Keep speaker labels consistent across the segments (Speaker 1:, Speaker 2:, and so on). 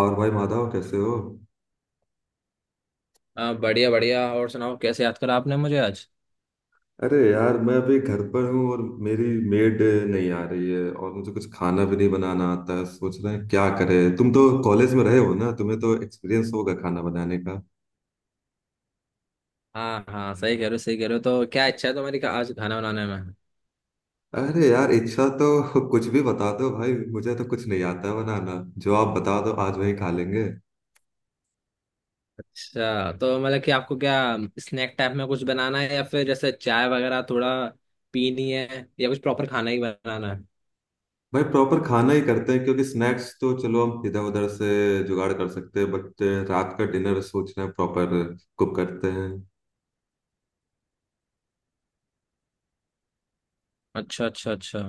Speaker 1: और भाई माधव कैसे हो?
Speaker 2: बढ़िया बढ़िया और सुनाओ कैसे याद करा आपने मुझे आज।
Speaker 1: अरे यार, मैं अभी घर पर हूँ और मेरी मेड नहीं आ रही है। और मुझे कुछ खाना भी नहीं बनाना आता है। सोच रहे हैं क्या करें। तुम तो कॉलेज में रहे हो ना, तुम्हें तो एक्सपीरियंस होगा खाना बनाने का।
Speaker 2: हाँ, हाँ, सही कह रहे हो, सही कह रहे हो। तो क्या इच्छा है तुम्हारी आज खाना बनाने में।
Speaker 1: अरे यार, इच्छा तो कुछ भी बता दो भाई, मुझे तो कुछ नहीं आता है बनाना। जो आप बता दो, आज वही खा लेंगे।
Speaker 2: अच्छा, तो मतलब कि आपको क्या स्नैक टाइप में कुछ बनाना है, या फिर जैसे चाय वगैरह थोड़ा पीनी है, या कुछ प्रॉपर खाना ही बनाना है।
Speaker 1: भाई प्रॉपर खाना ही करते हैं, क्योंकि स्नैक्स तो चलो हम इधर उधर से जुगाड़ कर सकते हैं, बट रात का डिनर सोचना है, प्रॉपर कुक करते हैं।
Speaker 2: अच्छा, अच्छा, अच्छा।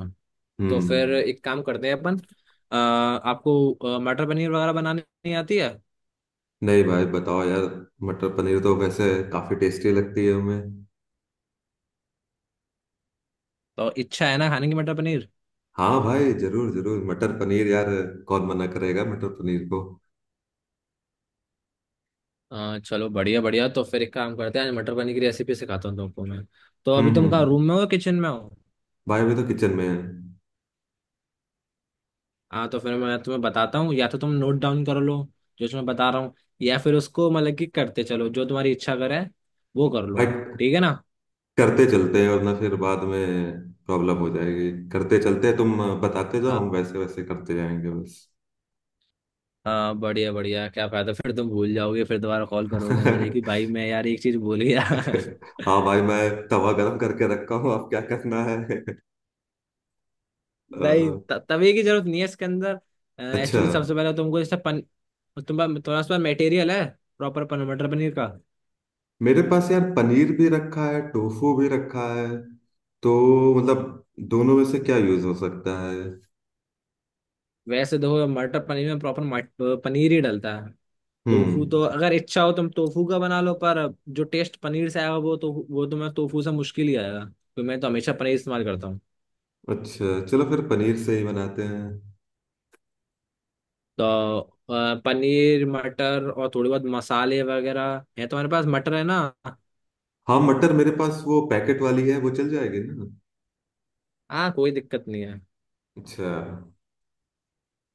Speaker 2: तो फिर
Speaker 1: हम्म।
Speaker 2: एक काम करते हैं अपन, आपको मटर पनीर वगैरह बनानी आती है?
Speaker 1: नहीं भाई, बताओ यार, मटर पनीर तो वैसे काफी टेस्टी लगती है हमें।
Speaker 2: तो इच्छा है ना खाने की मटर पनीर?
Speaker 1: हाँ भाई, जरूर जरूर, मटर पनीर यार, कौन मना करेगा मटर पनीर को?
Speaker 2: चलो, बढ़िया बढ़िया। तो फिर एक काम करते हैं, आज मटर पनीर की रेसिपी सिखाता हूँ तुमको मैं। तो अभी तुम कहाँ,
Speaker 1: हम्म।
Speaker 2: रूम में हो किचन में हो?
Speaker 1: भाई अभी तो किचन में है।
Speaker 2: हाँ, तो फिर मैं तुम्हें बताता हूँ, या तो तुम नोट डाउन कर लो जो मैं बता रहा हूँ, या फिर उसको मतलब कि करते चलो, जो तुम्हारी इच्छा करे वो कर लो।
Speaker 1: भाई
Speaker 2: ठीक है ना?
Speaker 1: करते चलते हैं, वरना फिर बाद में प्रॉब्लम हो जाएगी। करते चलते हैं, तुम बताते जाओ, हम
Speaker 2: हाँ
Speaker 1: वैसे वैसे करते जाएंगे बस।
Speaker 2: हाँ, बढ़िया बढ़िया। क्या फायदा, फिर तुम भूल जाओगे, फिर दोबारा कॉल करोगे मुझे कि भाई मैं यार एक चीज भूल गया।
Speaker 1: हाँ भाई, मैं तवा गरम करके रखा हूँ, अब क्या करना है?
Speaker 2: नहीं,
Speaker 1: अ,
Speaker 2: तभी की जरूरत नहीं है इसके अंदर।
Speaker 1: अच्छा।
Speaker 2: एक्चुअली सबसे पहले तुमको इससे पन तुम्हारा तुम्हारे पास मटेरियल है प्रॉपर पन मटर पनीर का?
Speaker 1: मेरे पास यार पनीर भी रखा है, टोफू भी रखा है। तो मतलब दोनों में से क्या यूज हो सकता है?
Speaker 2: वैसे देखो, मटर पनीर में प्रॉपर पनीर ही डलता है। टोफू
Speaker 1: हम्म।
Speaker 2: तो अगर इच्छा हो तुम टोफू का बना लो, पर जो टेस्ट पनीर से आएगा वो तो वो तुम्हें टोफू से मुश्किल ही आएगा। तो मैं तो हमेशा पनीर इस्तेमाल करता हूँ।
Speaker 1: अच्छा, चलो फिर पनीर से ही बनाते हैं।
Speaker 2: तो पनीर मटर और थोड़ी बहुत मसाले वगैरह है, तुम्हारे पास मटर है ना?
Speaker 1: हाँ, मटर मेरे पास वो पैकेट वाली है, वो चल जाएगी ना?
Speaker 2: हाँ, कोई दिक्कत नहीं है।
Speaker 1: अच्छा।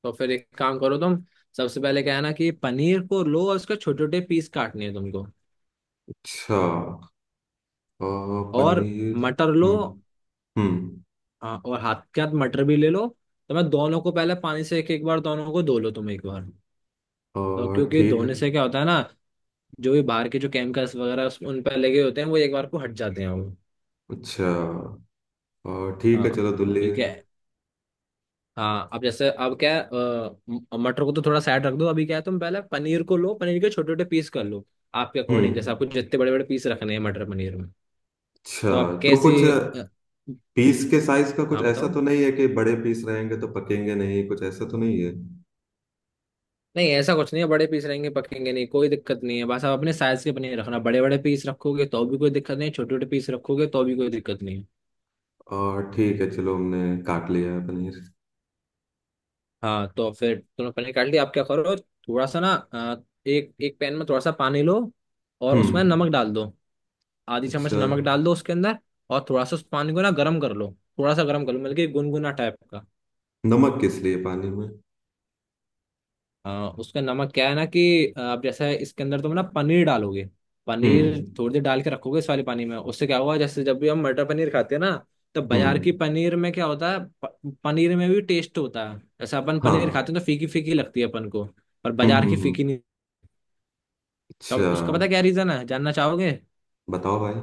Speaker 2: तो फिर एक काम करो तुम, सबसे पहले क्या है ना कि पनीर को लो और उसके छोटे छोटे पीस काटने हैं तुमको।
Speaker 1: अच्छा अ,
Speaker 2: और
Speaker 1: पनीर।
Speaker 2: मटर लो।
Speaker 1: हम्म हम्म।
Speaker 2: हाँ, और हाथ के हाथ मटर भी ले लो। तो मैं दोनों को पहले पानी से एक एक बार, दोनों को धो लो तुम एक बार। तो
Speaker 1: और
Speaker 2: क्योंकि
Speaker 1: ठीक है।
Speaker 2: धोने से क्या होता है ना, जो भी बाहर के जो केमिकल्स वगैरह उन पर लगे होते हैं वो एक बार को हट जाते हैं वो।
Speaker 1: अच्छा। और ठीक
Speaker 2: हाँ,
Speaker 1: है, चलो दुल्ले।
Speaker 2: ठीक है। हाँ, अब जैसे, अब क्या है, मटर को तो थोड़ा साइड रख दो। अभी क्या है, तुम पहले पनीर को लो, पनीर के छोटे छोटे पीस कर लो। आपके अकॉर्डिंग, जैसे
Speaker 1: हम्म।
Speaker 2: आपको जितने बड़े बड़े पीस रखने हैं मटर पनीर में।
Speaker 1: अच्छा।
Speaker 2: तो आप
Speaker 1: तो कुछ
Speaker 2: कैसी
Speaker 1: पीस के साइज का कुछ
Speaker 2: हाँ,
Speaker 1: ऐसा
Speaker 2: बताओ।
Speaker 1: तो नहीं है कि बड़े पीस रहेंगे तो पकेंगे नहीं, कुछ ऐसा तो नहीं है?
Speaker 2: नहीं, ऐसा कुछ नहीं है, बड़े पीस रहेंगे पकेंगे नहीं, कोई दिक्कत नहीं है। बस आप अपने साइज के पनीर रखना, बड़े बड़े पीस रखोगे तो भी कोई दिक्कत नहीं, छोटे छोटे पीस रखोगे तो भी कोई दिक्कत नहीं है।
Speaker 1: और ठीक है, चलो हमने काट लिया है पनीर।
Speaker 2: हाँ, तो फिर तुमने पनीर काट लिया, आप क्या करो, थोड़ा सा ना एक एक पैन में थोड़ा सा पानी लो, और उसमें
Speaker 1: हम्म।
Speaker 2: नमक डाल दो। आधी चम्मच
Speaker 1: अच्छा।
Speaker 2: नमक डाल दो उसके अंदर। और थोड़ा सा उस पानी को ना गर्म कर लो, थोड़ा सा गर्म कर लो मतलब कि गुनगुना टाइप का।
Speaker 1: नमक किस लिए पानी में?
Speaker 2: हाँ, उसका नमक क्या है ना कि आप जैसे इसके अंदर तुम ना पनीर डालोगे, पनीर
Speaker 1: हम्म
Speaker 2: थोड़ी देर डाल के रखोगे इस वाले पानी में, उससे क्या हुआ, जैसे जब भी हम मटर पनीर खाते हैं ना। तो बाजार की
Speaker 1: हम्म।
Speaker 2: पनीर में क्या होता है, पनीर में भी टेस्ट होता है, जैसे अपन पनीर
Speaker 1: हाँ।
Speaker 2: खाते हैं तो फीकी फीकी लगती है अपन को। पर बाजार की
Speaker 1: हम्म।
Speaker 2: फीकी नहीं। तो
Speaker 1: अच्छा।
Speaker 2: उसका पता क्या रीजन है, जानना चाहोगे?
Speaker 1: बताओ भाई।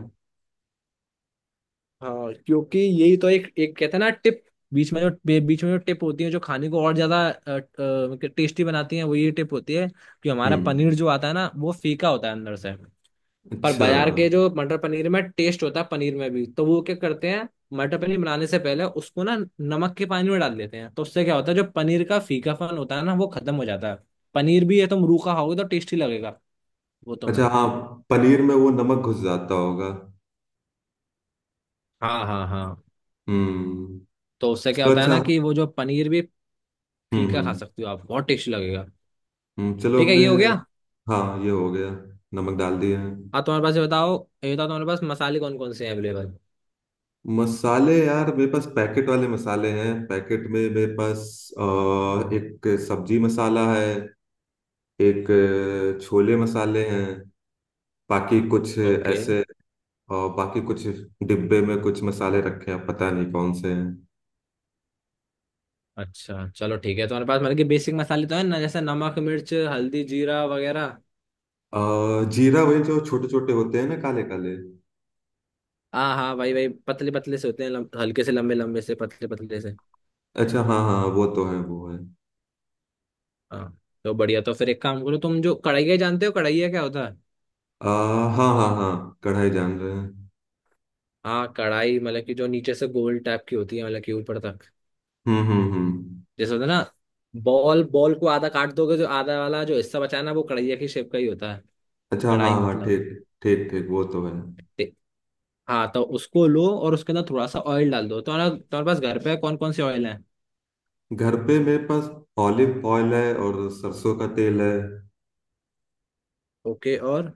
Speaker 2: हाँ, क्योंकि यही तो एक एक कहते हैं ना टिप, बीच में जो टिप होती है, जो खाने को और ज्यादा टेस्टी बनाती है वो ये टिप होती है, कि हमारा पनीर
Speaker 1: हम्म।
Speaker 2: जो आता है ना वो फीका होता है अंदर से। पर
Speaker 1: अच्छा।
Speaker 2: बाजार के जो मटर पनीर में टेस्ट होता है, पनीर में भी, तो वो क्या करते हैं, मटर पनीर बनाने से पहले उसको ना नमक के पानी में डाल देते हैं, तो उससे क्या होता है, जो पनीर का फीकापन होता है ना वो खत्म हो जाता है। पनीर भी है, तुम रूखा खाओगे तो टेस्टी लगेगा वो। तो मैं।
Speaker 1: अच्छा हाँ, पनीर में वो नमक घुस जाता होगा।
Speaker 2: हाँ, हाँ, हाँ।
Speaker 1: हम्म।
Speaker 2: तो उससे क्या
Speaker 1: चलो
Speaker 2: होता है
Speaker 1: अच्छा,
Speaker 2: ना
Speaker 1: हम्म।
Speaker 2: कि वो जो पनीर भी फीका खा
Speaker 1: हम्म
Speaker 2: सकती हो आप, बहुत टेस्टी लगेगा।
Speaker 1: चलो
Speaker 2: ठीक है,
Speaker 1: हमने।
Speaker 2: ये हो गया।
Speaker 1: हाँ, ये हो गया, नमक डाल दिया है।
Speaker 2: हाँ, तुम्हारे पास ये बताओ तुम्हारे पास मसाले कौन कौन से हैं अवेलेबल?
Speaker 1: मसाले यार, मेरे पास पैकेट वाले मसाले हैं, पैकेट में मेरे पास अ, एक सब्जी मसाला है, एक छोले मसाले हैं, बाकी कुछ
Speaker 2: ओके,
Speaker 1: ऐसे बाकी कुछ डिब्बे में कुछ मसाले रखे हैं, पता नहीं कौन से हैं।
Speaker 2: अच्छा चलो ठीक है, तुम्हारे पास मतलब कि बेसिक मसाले तो है ना, जैसे नमक मिर्च हल्दी जीरा वगैरह?
Speaker 1: जीरा वही जो छोटे छोटे होते हैं ना, काले काले।
Speaker 2: हाँ हाँ भाई भाई, पतले पतले से होते हैं, हल्के से लंबे लंबे से पतले पतले से।
Speaker 1: अच्छा हाँ हाँ, वो तो है, वो है।
Speaker 2: हाँ, तो बढ़िया। तो फिर एक काम करो तुम, जो कढ़ाई, जानते हो कढ़ाई क्या होता है?
Speaker 1: अ, हाँ हाँ हाँ, कढ़ाई जान रहे हैं।
Speaker 2: हाँ, कढ़ाई मतलब कि जो नीचे से गोल टाइप की होती है, मतलब कि ऊपर तक,
Speaker 1: हम्म।
Speaker 2: जैसे होता है ना, बॉल बॉल को आधा काट दोगे, जो आधा वाला जो हिस्सा बचा है ना वो कढ़ाई की शेप का ही होता है।
Speaker 1: अच्छा हाँ
Speaker 2: कढ़ाई
Speaker 1: हाँ,
Speaker 2: मतलब।
Speaker 1: ठीक। ठीक ठीक, वो तो है।
Speaker 2: ते- हाँ, तो उसको लो और उसके अंदर थोड़ा सा ऑयल डाल दो। तो तुम्हारा तुम्हारे पास घर पे कौन कौन से ऑयल है?
Speaker 1: घर पे मेरे पास ऑलिव ऑयल है और सरसों का तेल है।
Speaker 2: ओके, और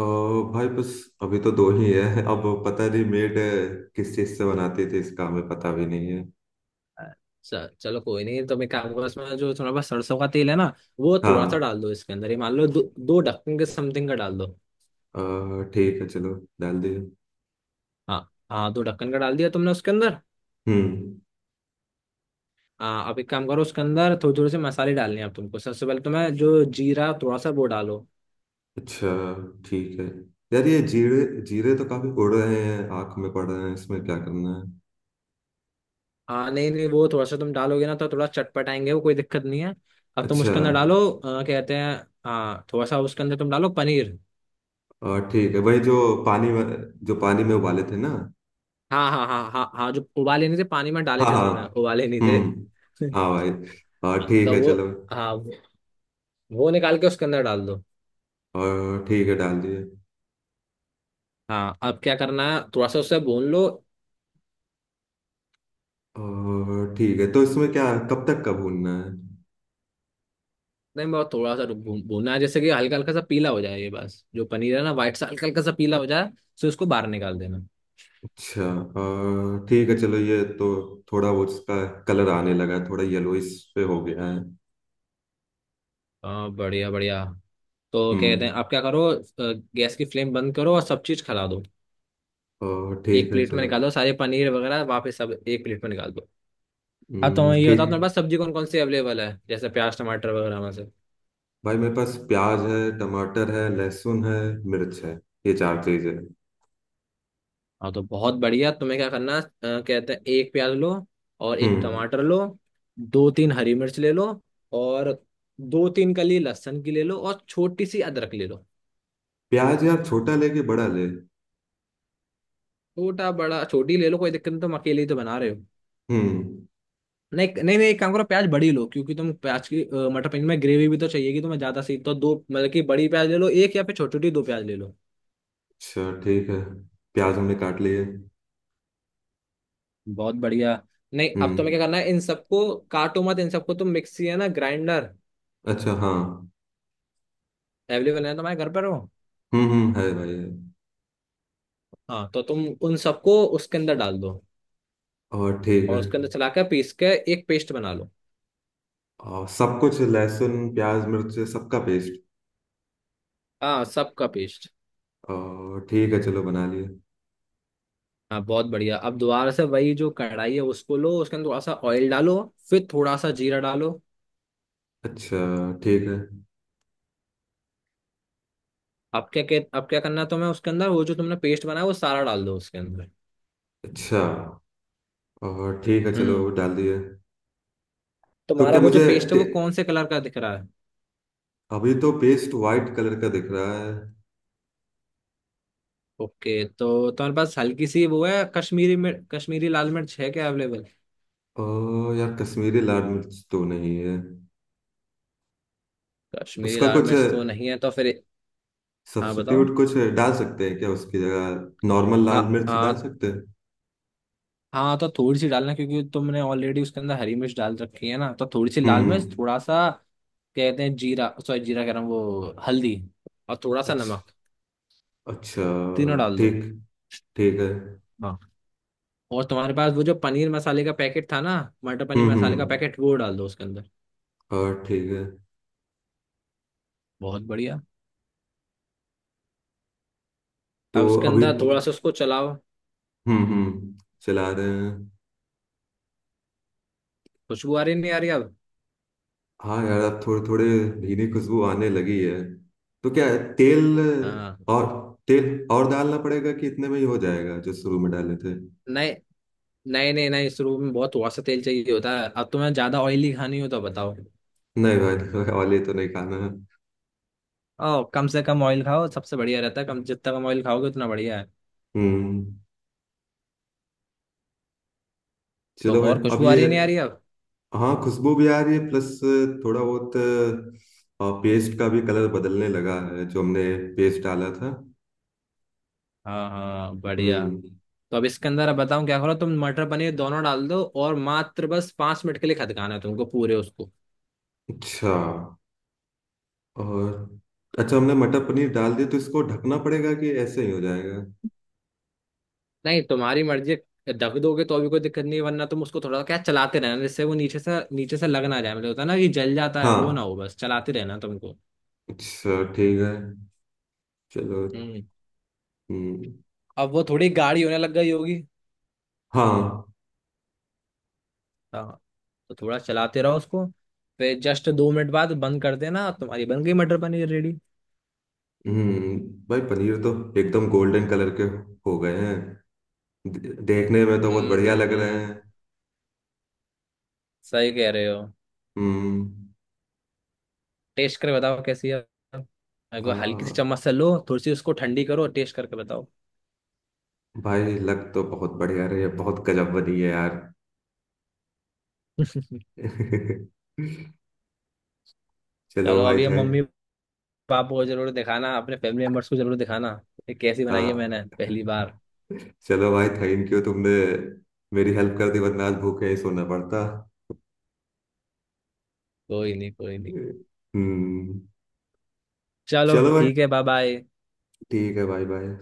Speaker 1: और भाई बस, अभी तो दो ही है, अब पता नहीं मेड किस चीज से बनाती थी, इसका हमें पता भी नहीं है।
Speaker 2: चलो, कोई नहीं। तो मैं क्या करूंगा इसमें, जो तुम्हारे पास सरसों का तेल है ना, वो थोड़ा सा
Speaker 1: हाँ,
Speaker 2: डाल दो इसके अंदर, ये मान लो दो दो ढक्कन के समथिंग का डाल दो।
Speaker 1: ठीक है चलो, डाल दिए।
Speaker 2: हाँ, हाँ, दो ढक्कन का डाल दिया तुमने उसके अंदर।
Speaker 1: हम्म।
Speaker 2: हाँ, अब एक काम करो, उसके अंदर थोड़े थोड़े से मसाले डालने हैं अब तुमको। सबसे पहले तुम्हें जो जीरा, थोड़ा सा वो डालो।
Speaker 1: अच्छा ठीक है। यार, ये जीरे जीरे तो काफी उड़ रहे हैं, आंख में पड़ रहे हैं, इसमें क्या करना है?
Speaker 2: हाँ, नहीं नहीं, वो थोड़ा सा तुम डालोगे ना तो थोड़ा चटपटाएंगे वो, कोई दिक्कत नहीं है। अब तुम
Speaker 1: अच्छा।
Speaker 2: उसके अंदर डालो कहते हैं। हाँ, थोड़ा सा उसके अंदर तुम डालो पनीर।
Speaker 1: ठीक है भाई, पानी में जो पानी में उबाले थे ना।
Speaker 2: हाँ, हाँ, हाँ, हाँ, हाँ। जो उबाले नहीं थे, पानी में डाले
Speaker 1: हाँ
Speaker 2: थे तुमने,
Speaker 1: हाँ।
Speaker 2: उबाले नहीं थे।
Speaker 1: हम्म। हाँ भाई। ठीक
Speaker 2: तो
Speaker 1: है
Speaker 2: वो,
Speaker 1: चलो।
Speaker 2: हाँ, वो निकाल के उसके अंदर डाल दो।
Speaker 1: और ठीक है, डाल दिए।
Speaker 2: हाँ, अब क्या करना है, थोड़ा सा उससे भून लो।
Speaker 1: और ठीक है, तो इसमें क्या, कब तक का भूनना है?
Speaker 2: नहीं, बहुत थोड़ा सा भूनना है, जैसे कि हल्का हल्का सा पीला हो जाए ये, बस जो पनीर है ना व्हाइट सा, हल्का हल्का सा पीला हो जाए तो इसको बाहर निकाल देना।
Speaker 1: अच्छा, और ठीक है, चलो ये तो थोड़ा वो इसका कलर आने लगा है, थोड़ा येलोइश पे हो गया है।
Speaker 2: हाँ, बढ़िया बढ़िया। तो क्या कहते हैं,
Speaker 1: हम्म।
Speaker 2: आप क्या करो, गैस की फ्लेम बंद करो और सब चीज खिला दो।
Speaker 1: और
Speaker 2: एक
Speaker 1: ठीक है
Speaker 2: प्लेट में
Speaker 1: चलो।
Speaker 2: निकालो सारे पनीर वगैरह, वापस सब एक प्लेट में निकाल दो। हाँ, तो ये बताओ तुम्हारे
Speaker 1: ठीक।
Speaker 2: पास सब्जी कौन कौन सी अवेलेबल है, जैसे प्याज टमाटर वगैरह में से।
Speaker 1: भाई मेरे पास प्याज है, टमाटर है, लहसुन है, मिर्च है, ये चार चीज है।
Speaker 2: हाँ, तो बहुत बढ़िया। तुम्हें क्या करना, कहते हैं एक प्याज लो और एक
Speaker 1: हम्म।
Speaker 2: टमाटर लो, दो तीन हरी मिर्च ले लो, और दो तीन कली लहसुन की ले लो, और छोटी सी अदरक ले लो।
Speaker 1: प्याज यार, छोटा ले कि बड़ा ले?
Speaker 2: छोटा बड़ा छोटी ले लो, कोई दिक्कत नहीं, तुम अकेले ही तो बना रहे हो।
Speaker 1: हम्म।
Speaker 2: नहीं नहीं नहीं, एक काम करो, प्याज बड़ी लो, क्योंकि तुम प्याज की मटर पनीर में ग्रेवी भी तो चाहिएगी तुम्हें ज्यादा सी, तो दो मतलब कि बड़ी प्याज ले लो एक, या फिर छोटी छोटी दो प्याज ले लो।
Speaker 1: अच्छा ठीक है, प्याज हमने काट लिए।
Speaker 2: बहुत बढ़िया। नहीं, अब
Speaker 1: हम्म।
Speaker 2: तुम्हें क्या करना है इन सबको, काटो मत इन सबको, तुम मिक्सी है ना ग्राइंडर
Speaker 1: अच्छा हाँ।
Speaker 2: अवेलेबल है तुम्हारे घर पर हो?
Speaker 1: हम्म, है भाई है।
Speaker 2: हाँ, तो तुम उन सबको उसके अंदर डाल दो,
Speaker 1: और ठीक
Speaker 2: और
Speaker 1: है।
Speaker 2: उसके अंदर चला के पीस के एक पेस्ट बना लो।
Speaker 1: और सब कुछ, लहसुन प्याज मिर्च, सबका पेस्ट?
Speaker 2: हाँ, सबका पेस्ट।
Speaker 1: और ठीक है, चलो बना लिए।
Speaker 2: हाँ, बहुत बढ़िया। अब दोबारा से वही जो कढ़ाई है उसको लो, उसके अंदर थोड़ा सा ऑयल डालो, फिर थोड़ा सा जीरा डालो।
Speaker 1: अच्छा ठीक है।
Speaker 2: अब क्या करना है तुम्हें, उसके अंदर वो जो तुमने पेस्ट बनाया वो सारा डाल दो उसके अंदर।
Speaker 1: अच्छा, और ठीक है, चलो
Speaker 2: हम्म।
Speaker 1: डाल दिए। तो
Speaker 2: तुम्हारा
Speaker 1: क्या
Speaker 2: वो जो
Speaker 1: मुझे
Speaker 2: पेस्ट है
Speaker 1: टे-
Speaker 2: वो कौन से कलर का दिख रहा है?
Speaker 1: अभी तो पेस्ट वाइट कलर का दिख रहा है।
Speaker 2: ओके, तो तुम्हारे पास हल्की सी वो है कश्मीरी मिर्च, कश्मीरी लाल मिर्च है क्या अवेलेबल?
Speaker 1: ओ यार, कश्मीरी लाल मिर्च तो नहीं है।
Speaker 2: कश्मीरी
Speaker 1: उसका
Speaker 2: लाल
Speaker 1: कुछ
Speaker 2: मिर्च तो नहीं है, तो फिर हाँ बताओ।
Speaker 1: सब्स्टिट्यूट कुछ डाल सकते हैं क्या, उसकी जगह नॉर्मल
Speaker 2: हाँ,
Speaker 1: लाल मिर्च डाल
Speaker 2: हाँ,
Speaker 1: सकते हैं?
Speaker 2: हाँ, तो थोड़ी सी डालना क्योंकि तुमने ऑलरेडी उसके अंदर हरी मिर्च डाल रखी है ना, तो थोड़ी सी
Speaker 1: हम्म
Speaker 2: लाल मिर्च,
Speaker 1: हम्म।
Speaker 2: थोड़ा सा कहते हैं जीरा, सॉरी जीरा कह रहा हूँ, वो हल्दी, और थोड़ा सा
Speaker 1: अच्छा
Speaker 2: नमक,
Speaker 1: अच्छा।
Speaker 2: तीनों डाल दो।
Speaker 1: ठीक, ठीक है।
Speaker 2: हाँ, और तुम्हारे पास वो जो पनीर मसाले का पैकेट था ना, मटर पनीर मसाले का
Speaker 1: हम्म।
Speaker 2: पैकेट वो डाल दो उसके अंदर।
Speaker 1: और ठीक है।
Speaker 2: बहुत बढ़िया।
Speaker 1: तो
Speaker 2: अब उसके
Speaker 1: अभी
Speaker 2: अंदर थोड़ा सा उसको चलाओ।
Speaker 1: हम्म, चला रहे हैं।
Speaker 2: खुशबू आ रही नहीं आ रही अब?
Speaker 1: हाँ यार, अब थोड़े थोड़े भीनी खुशबू आने लगी है। तो क्या है,
Speaker 2: हाँ,
Speaker 1: और तेल और डालना पड़ेगा कि इतने में ही हो जाएगा जो शुरू में डाले थे?
Speaker 2: नहीं नहीं नहीं नहीं, इस रूप में बहुत थोड़ा सा तेल चाहिए होता है, अब तुम्हें ज्यादा ऑयली खानी हो तो बताओ।
Speaker 1: नहीं भाई, नहीं, वाले तो नहीं खाना है।
Speaker 2: ओ, कम से कम ऑयल खाओ सबसे बढ़िया रहता है, कम, जितना कम ऑयल खाओगे उतना बढ़िया है।
Speaker 1: हम्म।
Speaker 2: तो
Speaker 1: चलो भाई,
Speaker 2: और
Speaker 1: अब
Speaker 2: खुशबू आ
Speaker 1: ये।
Speaker 2: रही नहीं आ रही अब?
Speaker 1: हाँ, खुशबू भी आ रही है, प्लस थोड़ा बहुत पेस्ट का भी कलर बदलने लगा है, जो हमने पेस्ट डाला था।
Speaker 2: हाँ, हाँ, बढ़िया।
Speaker 1: हम्म।
Speaker 2: तो अब इसके अंदर, अब बताऊं क्या करो, तुम मटर पनीर दोनों डाल दो, और मात्र बस 5 मिनट के लिए खदकाना है तुमको पूरे उसको।
Speaker 1: अच्छा। और अच्छा, हमने मटर पनीर डाल दिया, तो इसको ढकना पड़ेगा कि ऐसे ही हो जाएगा?
Speaker 2: नहीं, तुम्हारी मर्जी, ढक दोगे तो भी कोई दिक्कत नहीं है, वरना तुम उसको थोड़ा क्या चलाते रहना, जिससे वो नीचे से लग ना जाए, मतलब होता है ना कि जल जाता है वो ना
Speaker 1: हाँ
Speaker 2: हो, बस चलाते रहना तुमको।
Speaker 1: अच्छा, ठीक है चलो।
Speaker 2: हम्म।
Speaker 1: हम्म,
Speaker 2: अब वो थोड़ी गाढ़ी होने लग गई होगी।
Speaker 1: हाँ।
Speaker 2: हाँ, तो थोड़ा चलाते रहो उसको। फिर जस्ट 2 मिनट बाद बंद कर देना, तुम्हारी बन गई मटर पनीर रेडी।
Speaker 1: हम्म। भाई पनीर तो एकदम गोल्डन कलर के हो गए हैं, देखने में तो बहुत
Speaker 2: हम्म,
Speaker 1: बढ़िया
Speaker 2: हम्म,
Speaker 1: लग रहे
Speaker 2: हम्म,
Speaker 1: हैं।
Speaker 2: सही कह रहे हो।
Speaker 1: हम्म।
Speaker 2: टेस्ट करके बताओ कैसी है, एक
Speaker 1: आ,
Speaker 2: बार हल्की सी चम्मच से लो, थोड़ी सी उसको ठंडी करो, टेस्ट करके बताओ।
Speaker 1: भाई, लग तो बहुत बढ़िया रही है, बहुत गजब बनी है यार।
Speaker 2: तो
Speaker 1: चलो
Speaker 2: अगर
Speaker 1: भाई
Speaker 2: अभी हम,
Speaker 1: थे।
Speaker 2: मम्मी पापा को जरूर दिखाना, अपने फैमिली मेम्बर्स को जरूर दिखाना, ये कैसी बनाई है मैंने
Speaker 1: हाँ,
Speaker 2: पहली बार।
Speaker 1: चलो भाई, थैंक यू, तुमने मेरी हेल्प कर दी, वरना आज भूखे ही सोना पड़ता।
Speaker 2: कोई नहीं, कोई नहीं।
Speaker 1: हम्म।
Speaker 2: चलो
Speaker 1: चलो भाई,
Speaker 2: ठीक है, बाय बाय।
Speaker 1: ठीक है भाई, बाय।